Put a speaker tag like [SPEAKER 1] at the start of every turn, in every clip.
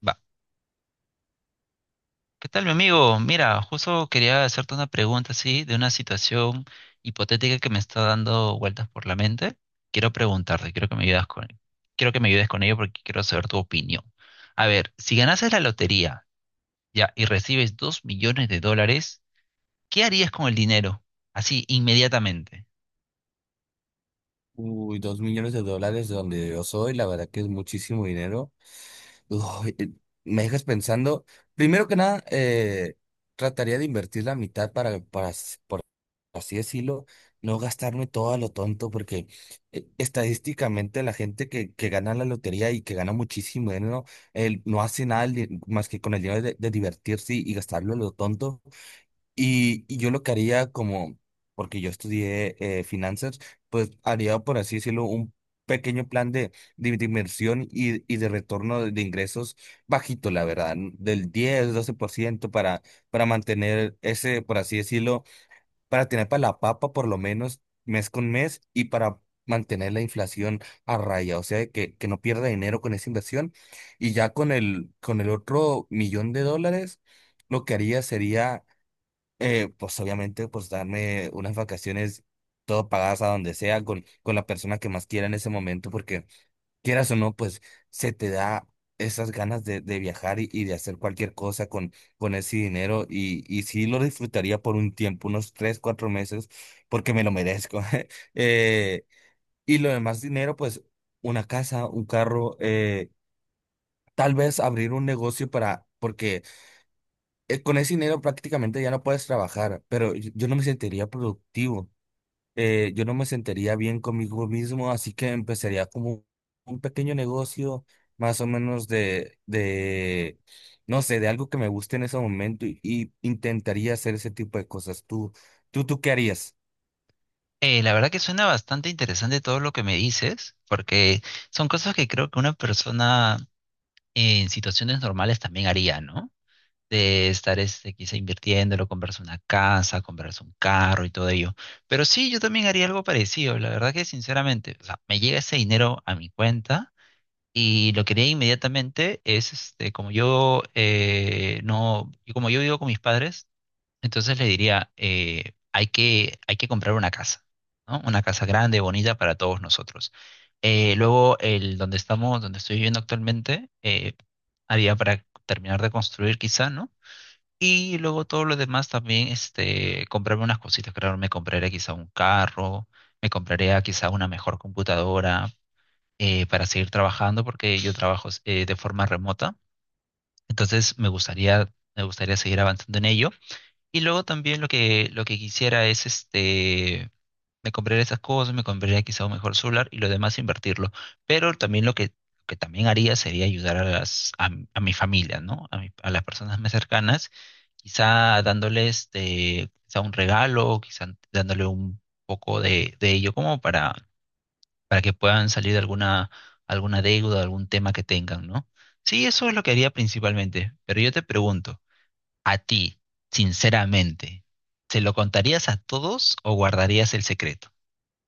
[SPEAKER 1] Va. ¿Qué tal, mi amigo? Mira, justo quería hacerte una pregunta así de una situación hipotética que me está dando vueltas por la mente. Quiero preguntarte, quiero que me ayudes con ello porque quiero saber tu opinión. A ver, si ganases la lotería ya y recibes dos millones de dólares, ¿qué harías con el dinero? Así, inmediatamente.
[SPEAKER 2] Uy, 2 millones de dólares de donde yo soy, la verdad que es muchísimo dinero. Uy, me dejas pensando, primero que nada, trataría de invertir la mitad por así decirlo, no gastarme todo a lo tonto, porque estadísticamente la gente que gana la lotería y que gana muchísimo dinero, él no hace nada más que con el dinero de divertirse y gastarlo a lo tonto. Y yo lo que haría como, porque yo estudié finanzas, pues haría, por así decirlo, un pequeño plan de inversión y de retorno de ingresos bajito, la verdad, del 10, 12% para mantener ese, por así decirlo, para tener para la papa por lo menos mes con mes y para mantener la inflación a raya, o sea, que no pierda dinero con esa inversión. Y ya con el otro millón de dólares, lo que haría sería pues obviamente, pues darme unas vacaciones todo pagadas a donde sea, con la persona que más quiera en ese momento, porque quieras o no, pues se te da esas ganas de viajar y de hacer cualquier cosa con ese dinero y sí lo disfrutaría por un tiempo, unos 3, 4 meses, porque me lo merezco. eh, y lo demás dinero, pues una casa, un carro, tal vez abrir un negocio porque con ese dinero prácticamente ya no puedes trabajar, pero yo no me sentiría productivo, yo no me sentiría bien conmigo mismo, así que empezaría como un pequeño negocio más o menos no sé, de algo que me guste en ese momento y intentaría hacer ese tipo de cosas. ¿Tú qué harías?
[SPEAKER 1] La verdad que suena bastante interesante todo lo que me dices, porque son cosas que creo que una persona en situaciones normales también haría, ¿no? De estar este, quizá invirtiéndolo, comprarse una casa, comprarse un carro y todo ello. Pero sí, yo también haría algo parecido. La verdad que sinceramente, o sea, me llega ese dinero a mi cuenta y lo que haría inmediatamente es, este, como yo no, y como yo vivo con mis padres, entonces les diría, hay que comprar una casa, ¿no? Una casa grande, bonita para todos nosotros. Luego, el donde estamos, donde estoy viviendo actualmente, había para terminar de construir quizá, ¿no? Y luego todo lo demás también, este, comprarme unas cositas, claro, me compraré quizá un carro, me compraré quizá una mejor computadora para seguir trabajando, porque yo trabajo de forma remota, entonces me gustaría seguir avanzando en ello. Y luego también lo que quisiera es este me compraría esas cosas, me compraría quizá un mejor celular y lo demás invertirlo. Pero también que también haría sería ayudar a a mi familia, ¿no? A las personas más cercanas, quizá dándoles este, quizá un regalo, quizá dándole un poco de ello como para que puedan salir de alguna, alguna deuda, algún tema que tengan, ¿no? Sí, eso es lo que haría principalmente. Pero yo te pregunto, a ti, sinceramente, ¿se lo contarías a todos o guardarías el secreto?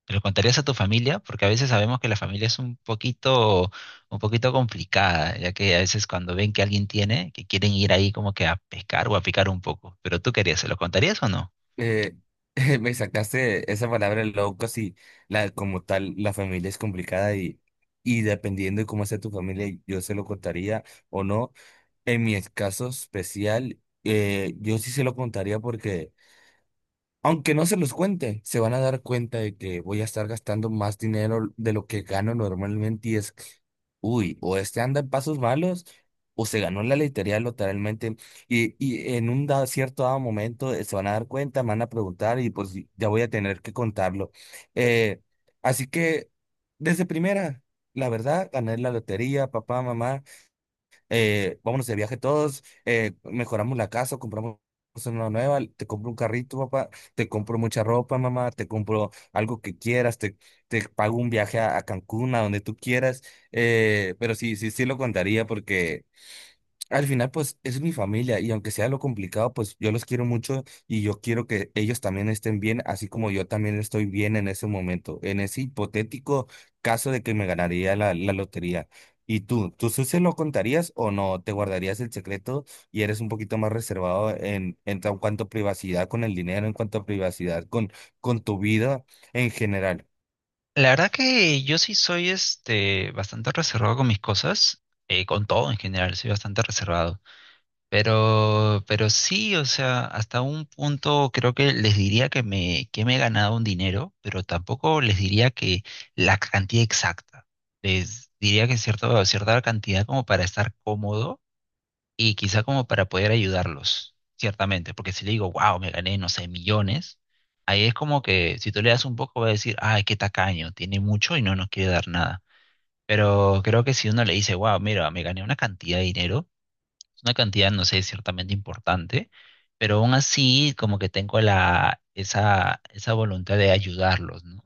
[SPEAKER 1] ¿Te lo contarías a tu familia? Porque a veces sabemos que la familia es un poquito complicada, ya que a veces cuando ven que alguien tiene, que quieren ir ahí como que a pescar o a picar un poco. Pero tú querías, ¿se lo contarías o no?
[SPEAKER 2] Eh, me sacaste esa palabra loco, si la, como tal, la familia es complicada y dependiendo de cómo sea tu familia, yo se lo contaría o no. En mi caso especial, yo sí se lo contaría porque, aunque no se los cuente, se van a dar cuenta de que voy a estar gastando más dinero de lo que gano normalmente y es, uy, o este anda en pasos malos o se ganó la lotería literalmente y en un cierto dado momento se van a dar cuenta, me van a preguntar y pues ya voy a tener que contarlo. Eh, así que, desde primera, la verdad, gané la lotería, papá, mamá vámonos de viaje todos, mejoramos la casa, compramos una nueva, te compro un carrito, papá, te compro mucha ropa, mamá, te compro algo que quieras, te pago un viaje a Cancún, a donde tú quieras, pero sí, sí, sí lo contaría porque... Al final, pues es mi familia y aunque sea lo complicado, pues yo los quiero mucho y yo quiero que ellos también estén bien, así como yo también estoy bien en ese momento, en ese hipotético caso de que me ganaría la lotería. ¿Y tú sí se lo contarías o no? ¿Te guardarías el secreto y eres un poquito más reservado en tan cuanto a privacidad con el dinero, en cuanto a privacidad con tu vida en general?
[SPEAKER 1] La verdad que yo sí soy este bastante reservado con mis cosas, con todo en general, soy bastante reservado. Pero sí, o sea, hasta un punto creo que les diría que me he ganado un dinero, pero tampoco les diría que la cantidad exacta. Les diría cierta cantidad como para estar cómodo y quizá como para poder ayudarlos, ciertamente. Porque si le digo, wow, me gané, no sé, millones, ahí es como que si tú le das un poco va a decir, ay, qué tacaño, tiene mucho y no nos quiere dar nada. Pero creo que si uno le dice, wow, mira, me gané una cantidad de dinero es una cantidad, no sé, ciertamente importante, pero aún así como que tengo esa voluntad de ayudarlos, ¿no?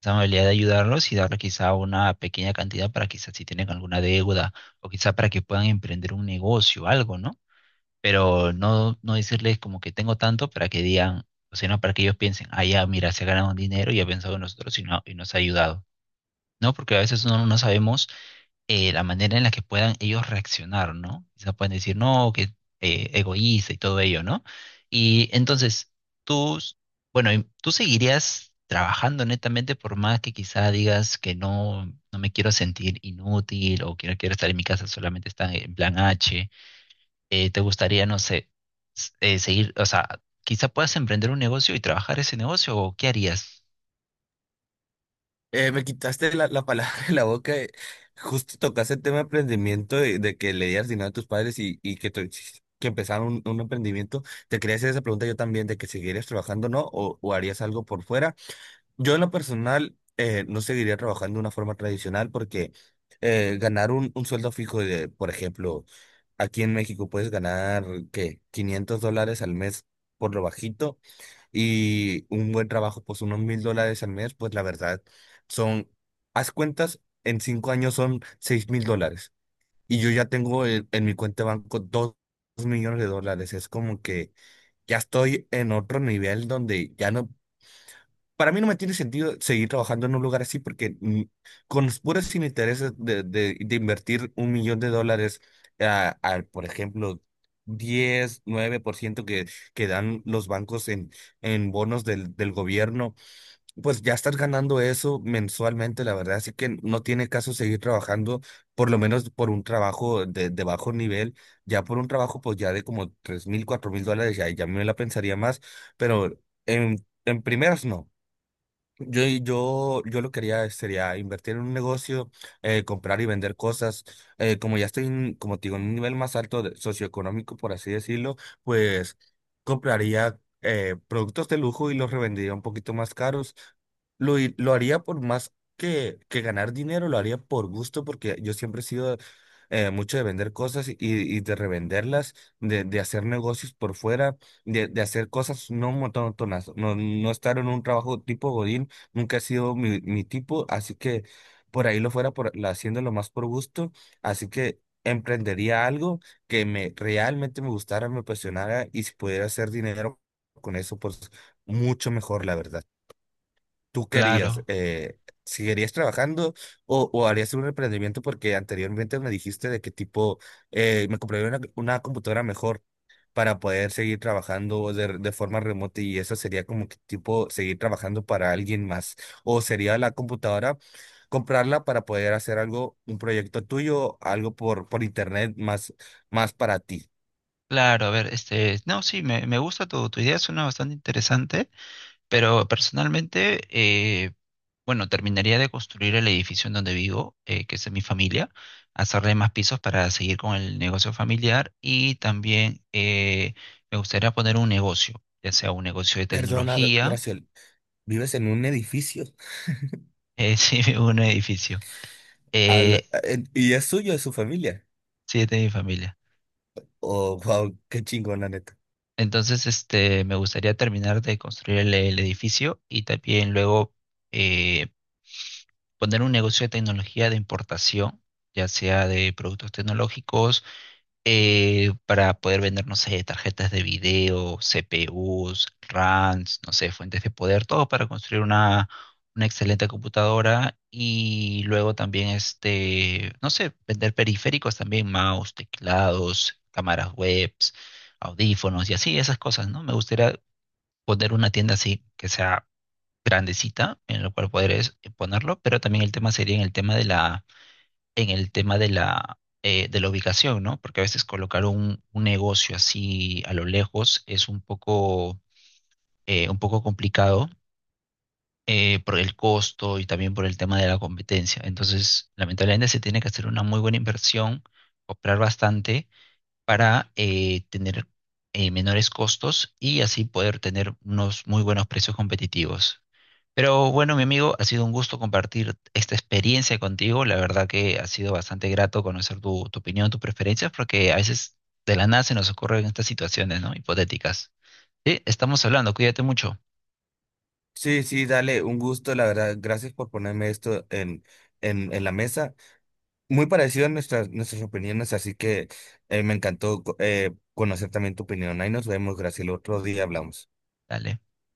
[SPEAKER 1] Esa amabilidad de ayudarlos y darles quizá una pequeña cantidad para quizás si tienen alguna deuda o quizá para que puedan emprender un negocio, algo, ¿no? Pero no, no decirles como que tengo tanto para que digan, o sea, no para que ellos piensen, ah, ya, mira, se ha ganado un dinero y ha pensado en nosotros y nos ha ayudado, ¿no? Porque a veces uno no sabemos la manera en la que puedan ellos reaccionar, ¿no? Quizá pueden decir, no, que egoísta y todo ello, ¿no? Y entonces, tú, s- bueno, y tú seguirías trabajando netamente por más que quizá digas que no, no me quiero sentir inútil o que no quiero estar en mi casa, solamente está en plan H. ¿Te gustaría, no sé, seguir, o sea, quizá puedas emprender un negocio y trabajar ese negocio o qué harías?
[SPEAKER 2] Me quitaste la palabra de la boca. Justo tocaste el tema de emprendimiento, de que leías dinero a tus padres y que empezaron un emprendimiento. Te quería hacer esa pregunta yo también, de que seguirías trabajando, ¿no? O harías algo por fuera. Yo en lo personal no seguiría trabajando de una forma tradicional porque ganar un sueldo fijo de, por ejemplo, aquí en México puedes ganar, ¿qué? $500 al mes por lo bajito y un buen trabajo, pues unos $1,000 al mes, pues la verdad son, haz cuentas, en 5 años son $6,000. Y yo ya tengo en mi cuenta de banco 2 millones de dólares. Es como que ya estoy en otro nivel donde ya no para mí no me tiene sentido seguir trabajando en un lugar así porque con los puros sin intereses de invertir 1 millón de dólares al, por ejemplo, diez 9% que dan los bancos en bonos del gobierno, pues ya estás ganando eso mensualmente, la verdad. Así que no tiene caso seguir trabajando, por lo menos por un trabajo de bajo nivel. Ya por un trabajo, pues ya de como 3,000, $4,000, ya me la pensaría más, pero en primeras no. Yo lo quería sería invertir en un negocio, comprar y vender cosas. Como ya estoy, como te digo, en un nivel más alto de- socioeconómico, por así decirlo, pues compraría productos de lujo y los revendería un poquito más caros. Lo haría por más que ganar dinero, lo haría por gusto, porque yo siempre he sido mucho de vender cosas y de revenderlas, de hacer negocios por fuera, de hacer cosas no monótonas, no, no estar en un trabajo tipo Godín. Nunca ha sido mi tipo, así que por ahí lo fuera por, haciéndolo más por gusto, así que emprendería algo que me realmente me gustara, me apasionara y si pudiera hacer dinero con eso, pues mucho mejor, la verdad. ¿Tú querías,
[SPEAKER 1] Claro,
[SPEAKER 2] seguirías trabajando o harías un emprendimiento? Porque anteriormente me dijiste de qué tipo, me compraría una computadora mejor para poder seguir trabajando de forma remota y eso sería como que tipo seguir trabajando para alguien más. O sería la computadora, comprarla para poder hacer algo, un proyecto tuyo, algo por internet más, más para ti.
[SPEAKER 1] claro, a ver, este, no, sí, me gusta tu, tu idea, suena bastante interesante. Pero personalmente, bueno, terminaría de construir el edificio en donde vivo, que es de mi familia, hacerle más pisos para seguir con el negocio familiar y también me gustaría poner un negocio, ya sea un negocio de
[SPEAKER 2] Perdona, Gra-
[SPEAKER 1] tecnología,
[SPEAKER 2] Graciel, vives en un edificio.
[SPEAKER 1] sí, un edificio, eh,
[SPEAKER 2] Y es suyo, es su familia.
[SPEAKER 1] sí, es de mi familia.
[SPEAKER 2] Oh, wow, qué chingón, la neta.
[SPEAKER 1] Entonces, este, me gustaría terminar de construir el edificio y también luego... eh, poner un negocio de tecnología de importación, ya sea de productos tecnológicos, para poder vender, no sé, tarjetas de video, CPUs, RAMs, no sé, fuentes de poder, todo para construir una excelente computadora y luego también, este, no sé, vender periféricos también, mouse, teclados, cámaras webs, audífonos y así, esas cosas, ¿no? Me gustaría poner una tienda así, que sea grandecita en la cual podrías ponerlo, pero también el tema sería en el tema de la, en el tema de la ubicación, ¿no? Porque a veces colocar un negocio así a lo lejos es un poco complicado. Por el costo y también por el tema de la competencia. Entonces, lamentablemente se tiene que hacer una muy buena inversión, comprar bastante para tener menores costos y así poder tener unos muy buenos precios competitivos. Pero bueno, mi amigo, ha sido un gusto compartir esta experiencia contigo. La verdad que ha sido bastante grato conocer tu, tu opinión, tus preferencias, porque a veces de la nada se nos ocurren estas situaciones, ¿no? Hipotéticas. Sí, estamos hablando, cuídate mucho.
[SPEAKER 2] Sí, sí, dale, un gusto, la verdad. Gracias por ponerme esto en la mesa. Muy parecido a nuestras opiniones, así que me encantó conocer también tu opinión. Ahí nos vemos, Graciela. Otro día hablamos.
[SPEAKER 1] Dale.